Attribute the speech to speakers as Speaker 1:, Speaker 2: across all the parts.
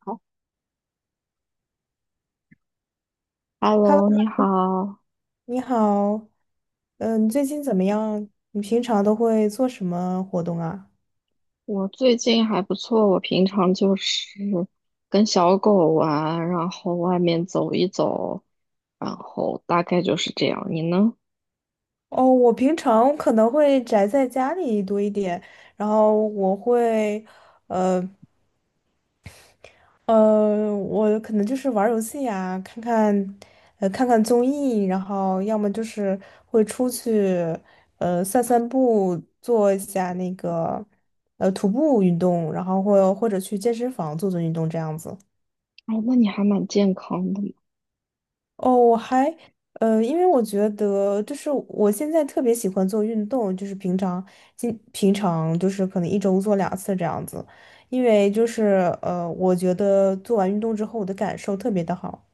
Speaker 1: 好。
Speaker 2: Hello，
Speaker 1: Hello，你好，
Speaker 2: 你好，嗯，你最近怎么样？你平常都会做什么活动啊？
Speaker 1: 我最近还不错。我平常就是跟小狗玩，然后外面走一走，然后大概就是这样。你呢？
Speaker 2: 哦，我平常可能会宅在家里多一点，然后我会，呃我可能就是玩儿游戏呀，看看，看看综艺，然后要么就是会出去，散散步，做一下那个，徒步运动，然后或者去健身房做做运动这样子。
Speaker 1: 哦，那你还蛮健康的嘛。
Speaker 2: 哦，我还因为我觉得就是我现在特别喜欢做运动，就是平常平常就是可能一周做两次这样子，因为就是我觉得做完运动之后我的感受特别的好。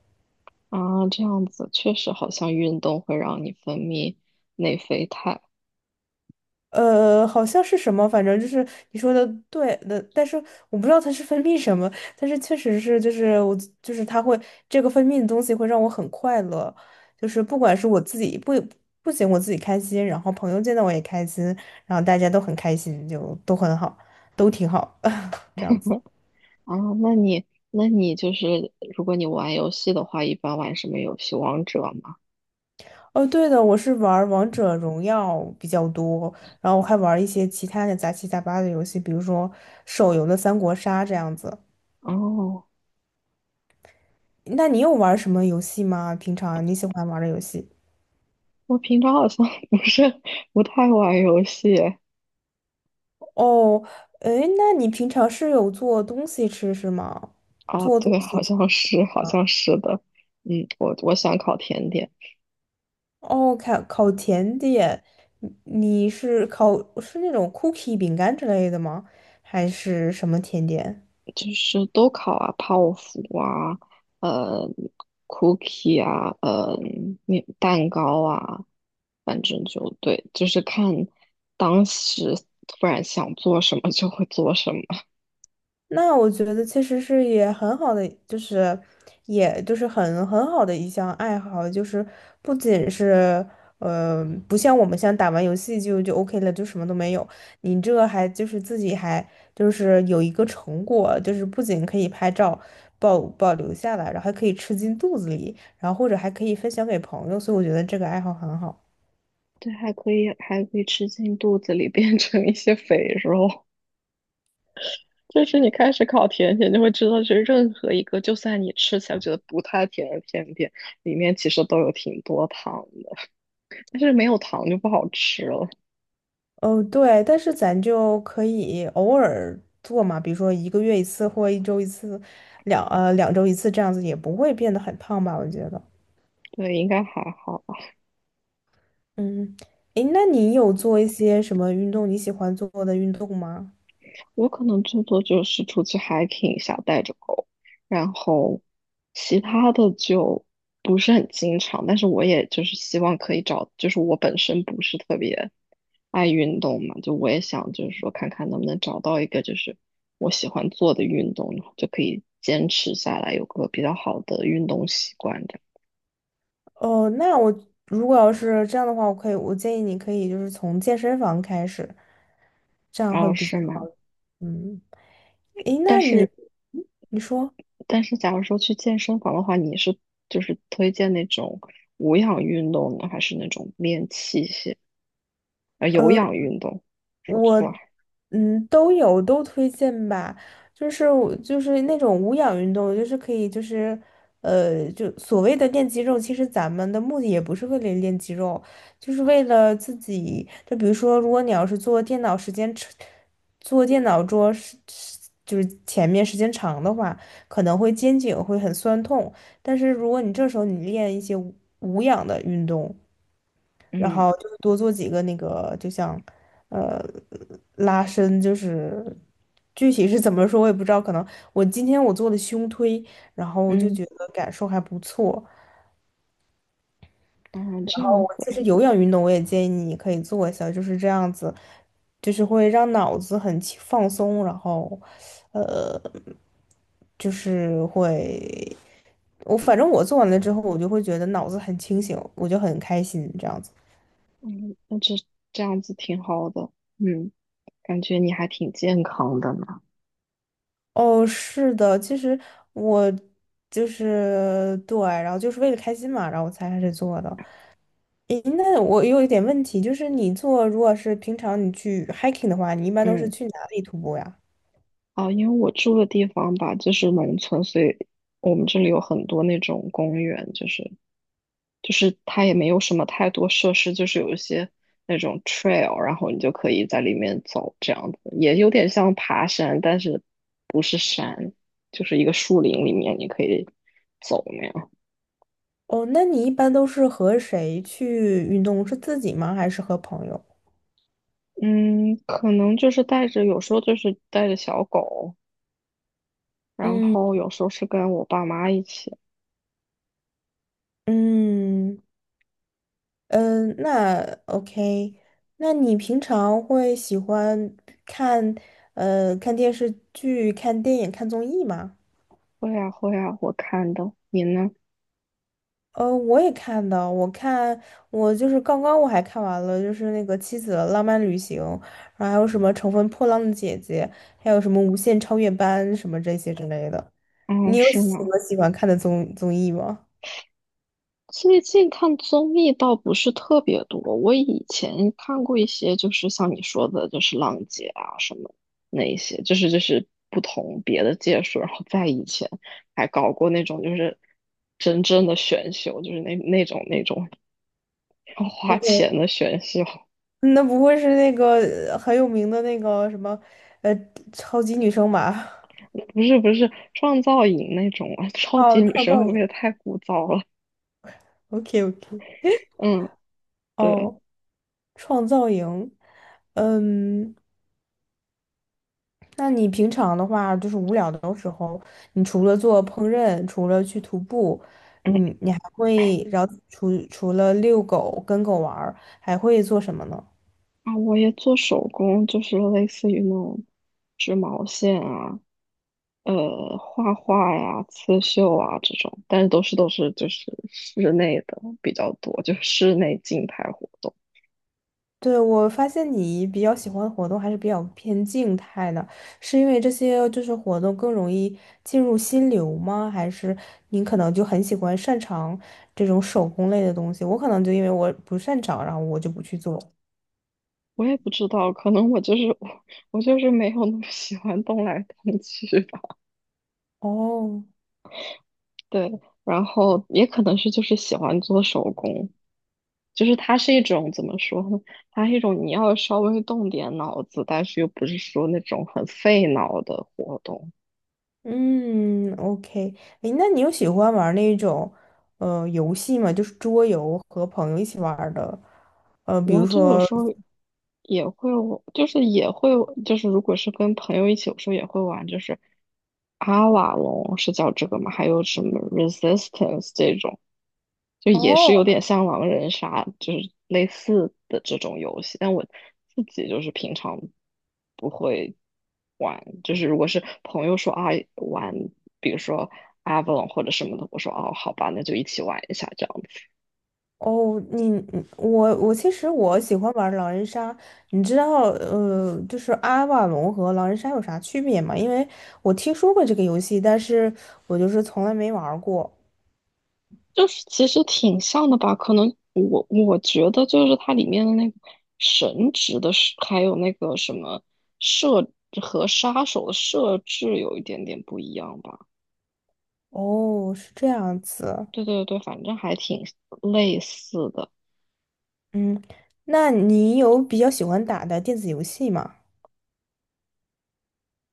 Speaker 1: 啊，这样子确实好像运动会让你分泌内啡肽。
Speaker 2: 好像是什么，反正就是你说的对的，但是我不知道它是分泌什么，但是确实是，就是我就是它会这个分泌的东西会让我很快乐，就是不管是我自己不不仅我自己开心，然后朋友见到我也开心，然后大家都很开心，就都很好，都挺好，这样子。
Speaker 1: 啊。那你，那你就是如果你玩游戏的话，一般玩什么游戏？王者吗？
Speaker 2: 哦，对的，我是玩儿王者荣耀比较多，然后我还玩儿一些其他的杂七杂八的游戏，比如说手游的三国杀这样子。
Speaker 1: 哦，
Speaker 2: 那你有玩什么游戏吗？平常你喜欢玩的游戏？
Speaker 1: 我平常好像 不是不太玩游戏。
Speaker 2: 哦，诶，那你平常是有做东西吃是吗？
Speaker 1: 哦，
Speaker 2: 做东
Speaker 1: 对，
Speaker 2: 西
Speaker 1: 好
Speaker 2: 吃
Speaker 1: 像是，好
Speaker 2: 吗？
Speaker 1: 像是的。嗯，我想烤甜点，
Speaker 2: 哦，烤甜点，你是烤是那种 cookie 饼干之类的吗？还是什么甜点？
Speaker 1: 就是都烤啊，泡芙啊，呃，cookie 啊，面蛋糕啊，反正就对，就是看当时突然想做什么就会做什么。
Speaker 2: 那我觉得其实是也很好的，就是也就是很好的一项爱好，就是不仅是呃，不像我们像打完游戏就 OK 了，就什么都没有。你这还就是自己还就是有一个成果，就是不仅可以拍照保留下来，然后还可以吃进肚子里，然后或者还可以分享给朋友，所以我觉得这个爱好很好。
Speaker 1: 对，还可以，还可以吃进肚子里，变成一些肥肉。就是你开始烤甜点，就会知道，就是任何一个，就算你吃起来觉得不太甜的甜点，里面其实都有挺多糖的，但是没有糖就不好吃了。
Speaker 2: 哦，对，但是咱就可以偶尔做嘛，比如说一个月一次或一周一次，两周一次这样子，也不会变得很胖吧？我觉得。
Speaker 1: 对，应该还好。
Speaker 2: 嗯，诶，那你有做一些什么运动你喜欢做的运动吗？
Speaker 1: 我可能最多就是出去 hiking 一下，带着狗，然后其他的就不是很经常。但是我也就是希望可以找，就是我本身不是特别爱运动嘛，就我也想就是说看看能不能找到一个就是我喜欢做的运动，然后就可以坚持下来，有个比较好的运动习惯的。
Speaker 2: 哦，那我如果要是这样的话，我可以，我建议你可以就是从健身房开始，这样会
Speaker 1: 样。哦，
Speaker 2: 比较
Speaker 1: 是
Speaker 2: 好。
Speaker 1: 吗？
Speaker 2: 嗯，诶，
Speaker 1: 但
Speaker 2: 那你
Speaker 1: 是。
Speaker 2: 嗯你说。
Speaker 1: 但是假如说去健身房的话，你是就是推荐那种无氧运动呢，还是那种练器械？啊？有氧运动，说
Speaker 2: 我。
Speaker 1: 错了。
Speaker 2: 嗯，都有都推荐吧，就是我就是那种无氧运动，就是可以就是呃，就所谓的练肌肉，其实咱们的目的也不是为了练肌肉，就是为了自己。就比如说，如果你要是坐电脑时间长，坐电脑桌是是就是前面时间长的话，可能会肩颈会很酸痛。但是如果你这时候你练一些无氧的运动，然
Speaker 1: 嗯。
Speaker 2: 后就是多做几个那个，就像呃拉伸，就是具体是怎么说我也不知道，可能我今天我做的胸推，然后我就
Speaker 1: 嗯。
Speaker 2: 觉得感受还不错。
Speaker 1: 啊，这样子。
Speaker 2: 我其实有氧运动我也建议你可以做一下，就是这样子，就是会让脑子很轻放松，然后就是会，我反正我做完了之后，我就会觉得脑子很清醒，我就很开心这样子。
Speaker 1: 嗯，那这样子挺好的。嗯，感觉你还挺健康的呢。
Speaker 2: 哦，是的，其实我就是对，然后就是为了开心嘛，然后我才开始做的。诶，那我有一点问题，就是你做，如果是平常你去 hiking 的话，你一般都是
Speaker 1: 嗯。
Speaker 2: 去哪里徒步呀？
Speaker 1: 啊，因为我住的地方吧，就是农村，所以我们这里有很多那种公园，就是它也没有什么太多设施，就是有一些那种 trail，然后你就可以在里面走，这样子也有点像爬山，但是不是山，就是一个树林里面你可以走那样。
Speaker 2: 哦，那你一般都是和谁去运动？是自己吗？还是和朋友？
Speaker 1: 嗯，可能就是带着，有时候就是带着小狗，然后
Speaker 2: 嗯
Speaker 1: 有时候是跟我爸妈一起。
Speaker 2: 嗯嗯，那 OK，那你平常会喜欢看看电视剧、看电影、看综艺吗？
Speaker 1: 会啊会啊，我看的。你呢？
Speaker 2: 我也看到，我看我就是刚刚我还看完了，就是那个《妻子的浪漫旅行》，然后还有什么《乘风破浪的姐姐》，还有什么《无限超越班》什么这些之类的。你
Speaker 1: 嗯，
Speaker 2: 有
Speaker 1: 是
Speaker 2: 什
Speaker 1: 吗？
Speaker 2: 么喜欢看的综艺吗
Speaker 1: 最近看综艺倒不是特别多，我以前看过一些，就是像你说的，就是浪姐啊什么那一些，就是不同别的届数，然后在以前还搞过那种就是真正的选秀，就是那种要花
Speaker 2: ？OK，
Speaker 1: 钱的选秀，
Speaker 2: 那不会是那个很有名的那个什么，呃，超级女生吧？
Speaker 1: 不是不是创造营那种啊，超级
Speaker 2: 哦，
Speaker 1: 女
Speaker 2: 创
Speaker 1: 生
Speaker 2: 造
Speaker 1: 会不会
Speaker 2: 营。
Speaker 1: 太枯燥了？
Speaker 2: OK OK。
Speaker 1: 嗯，对。
Speaker 2: 哦，创造营。嗯。那你平常的话，就是无聊的时候，你除了做烹饪，除了去徒步，
Speaker 1: 嗯。
Speaker 2: 你还会，然后除了遛狗、跟狗玩儿，还会做什么呢？
Speaker 1: 啊，我也做手工，就是类似于那种织毛线啊。画画呀、刺绣啊这种，但是都是就是室内的比较多，就室内静态活动。
Speaker 2: 对，我发现你比较喜欢的活动还是比较偏静态的，是因为这些就是活动更容易进入心流吗？还是你可能就很喜欢擅长这种手工类的东西？我可能就因为我不擅长，然后我就不去做。
Speaker 1: 我也不知道，可能我就是我，我就是没有那么喜欢动来动去吧。
Speaker 2: 哦，
Speaker 1: 对，然后也可能是就是喜欢做手工，就是它是一种怎么说呢？它是一种你要稍微动点脑子，但是又不是说那种很费脑的活动。
Speaker 2: 嗯，OK，哎，那你有喜欢玩那种游戏吗？就是桌游和朋友一起玩儿的，呃，比
Speaker 1: 我
Speaker 2: 如
Speaker 1: 就有
Speaker 2: 说，
Speaker 1: 时候也会玩就是也会，就是如果是跟朋友一起，有时候也会玩，就是阿瓦隆是叫这个吗？还有什么 Resistance 这种，就也是有
Speaker 2: 哦
Speaker 1: 点像狼人杀，就是类似的这种游戏。但我自己就是平常不会玩，就是如果是朋友说啊玩，比如说阿瓦隆或者什么的，我说哦好吧，那就一起玩一下这样。
Speaker 2: 哦，你你我我其实我喜欢玩狼人杀，你知道就是阿瓦隆和狼人杀有啥区别吗？因为我听说过这个游戏，但是我就是从来没玩儿过。
Speaker 1: 就是其实挺像的吧，可能我觉得就是它里面的那个神职的设，还有那个什么设和杀手的设置有一点点不一样吧。
Speaker 2: 哦，是这样子，
Speaker 1: 对对对，反正还挺类似的。
Speaker 2: 嗯，那你有比较喜欢打的电子游戏吗？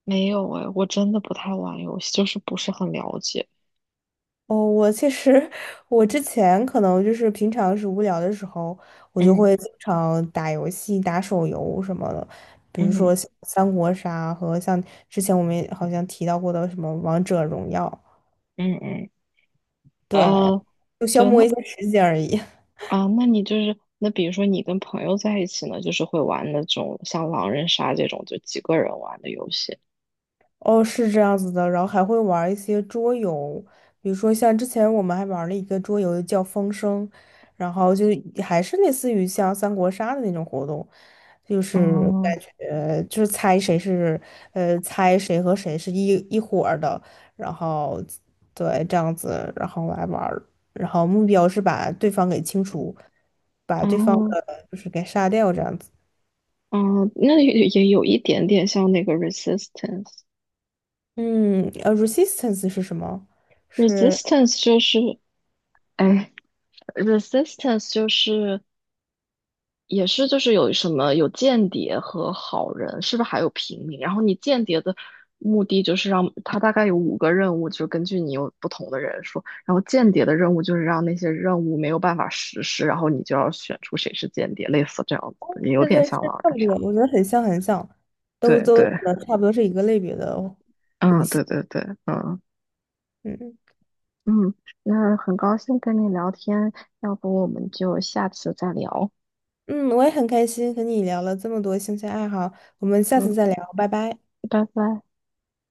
Speaker 1: 没有哎，我真的不太玩游戏，就是不是很了解。
Speaker 2: 哦，我其实我之前可能就是平常是无聊的时候，我就
Speaker 1: 嗯。
Speaker 2: 会经常打游戏、打手游什么的，比如
Speaker 1: 嗯。
Speaker 2: 说像三国杀和像之前我们也好像提到过的什么王者荣耀，
Speaker 1: 嗯。嗯，
Speaker 2: 对，
Speaker 1: 呃，
Speaker 2: 就消
Speaker 1: 对，
Speaker 2: 磨
Speaker 1: 那
Speaker 2: 一下时间而已。
Speaker 1: 啊，那你就是那比如说你跟朋友在一起呢，就是会玩那种像狼人杀这种就几个人玩的游戏。
Speaker 2: 哦，是这样子的，然后还会玩一些桌游，比如说像之前我们还玩了一个桌游叫《风声》，然后就还是类似于像三国杀的那种活动，就是感
Speaker 1: 哦。
Speaker 2: 觉就是猜谁是猜谁和谁是一伙儿的，然后对这样子，然后来玩儿然后目标是把对方给清除，把对方
Speaker 1: 哦。
Speaker 2: 的就是给杀掉这样子。
Speaker 1: 哦，那也也有一点点像那个 resistance。
Speaker 2: 嗯，resistance 是什么？是？
Speaker 1: resistance 就是，哎，resistance 就是也是就是有什么有间谍和好人，是不是还有平民？然后你间谍的目的就是让他大概有5个任务，就是根据你有不同的人数，然后间谍的任务就是让那些任务没有办法实施，然后你就要选出谁是间谍，类似这样子的，也有
Speaker 2: 对
Speaker 1: 点
Speaker 2: 对，是
Speaker 1: 像狼
Speaker 2: 差
Speaker 1: 人
Speaker 2: 不多，
Speaker 1: 杀。
Speaker 2: 我觉得很像，都
Speaker 1: 对
Speaker 2: 都
Speaker 1: 对，
Speaker 2: 呃差不多是一个类别的哦。
Speaker 1: 嗯，对对对，嗯。
Speaker 2: 嗯
Speaker 1: 嗯，那很高兴跟你聊天，要不我们就下次再聊。
Speaker 2: 嗯，我也很开心和你聊了这么多兴趣爱好，我们下次
Speaker 1: 嗯，
Speaker 2: 再聊，拜拜。
Speaker 1: 拜拜。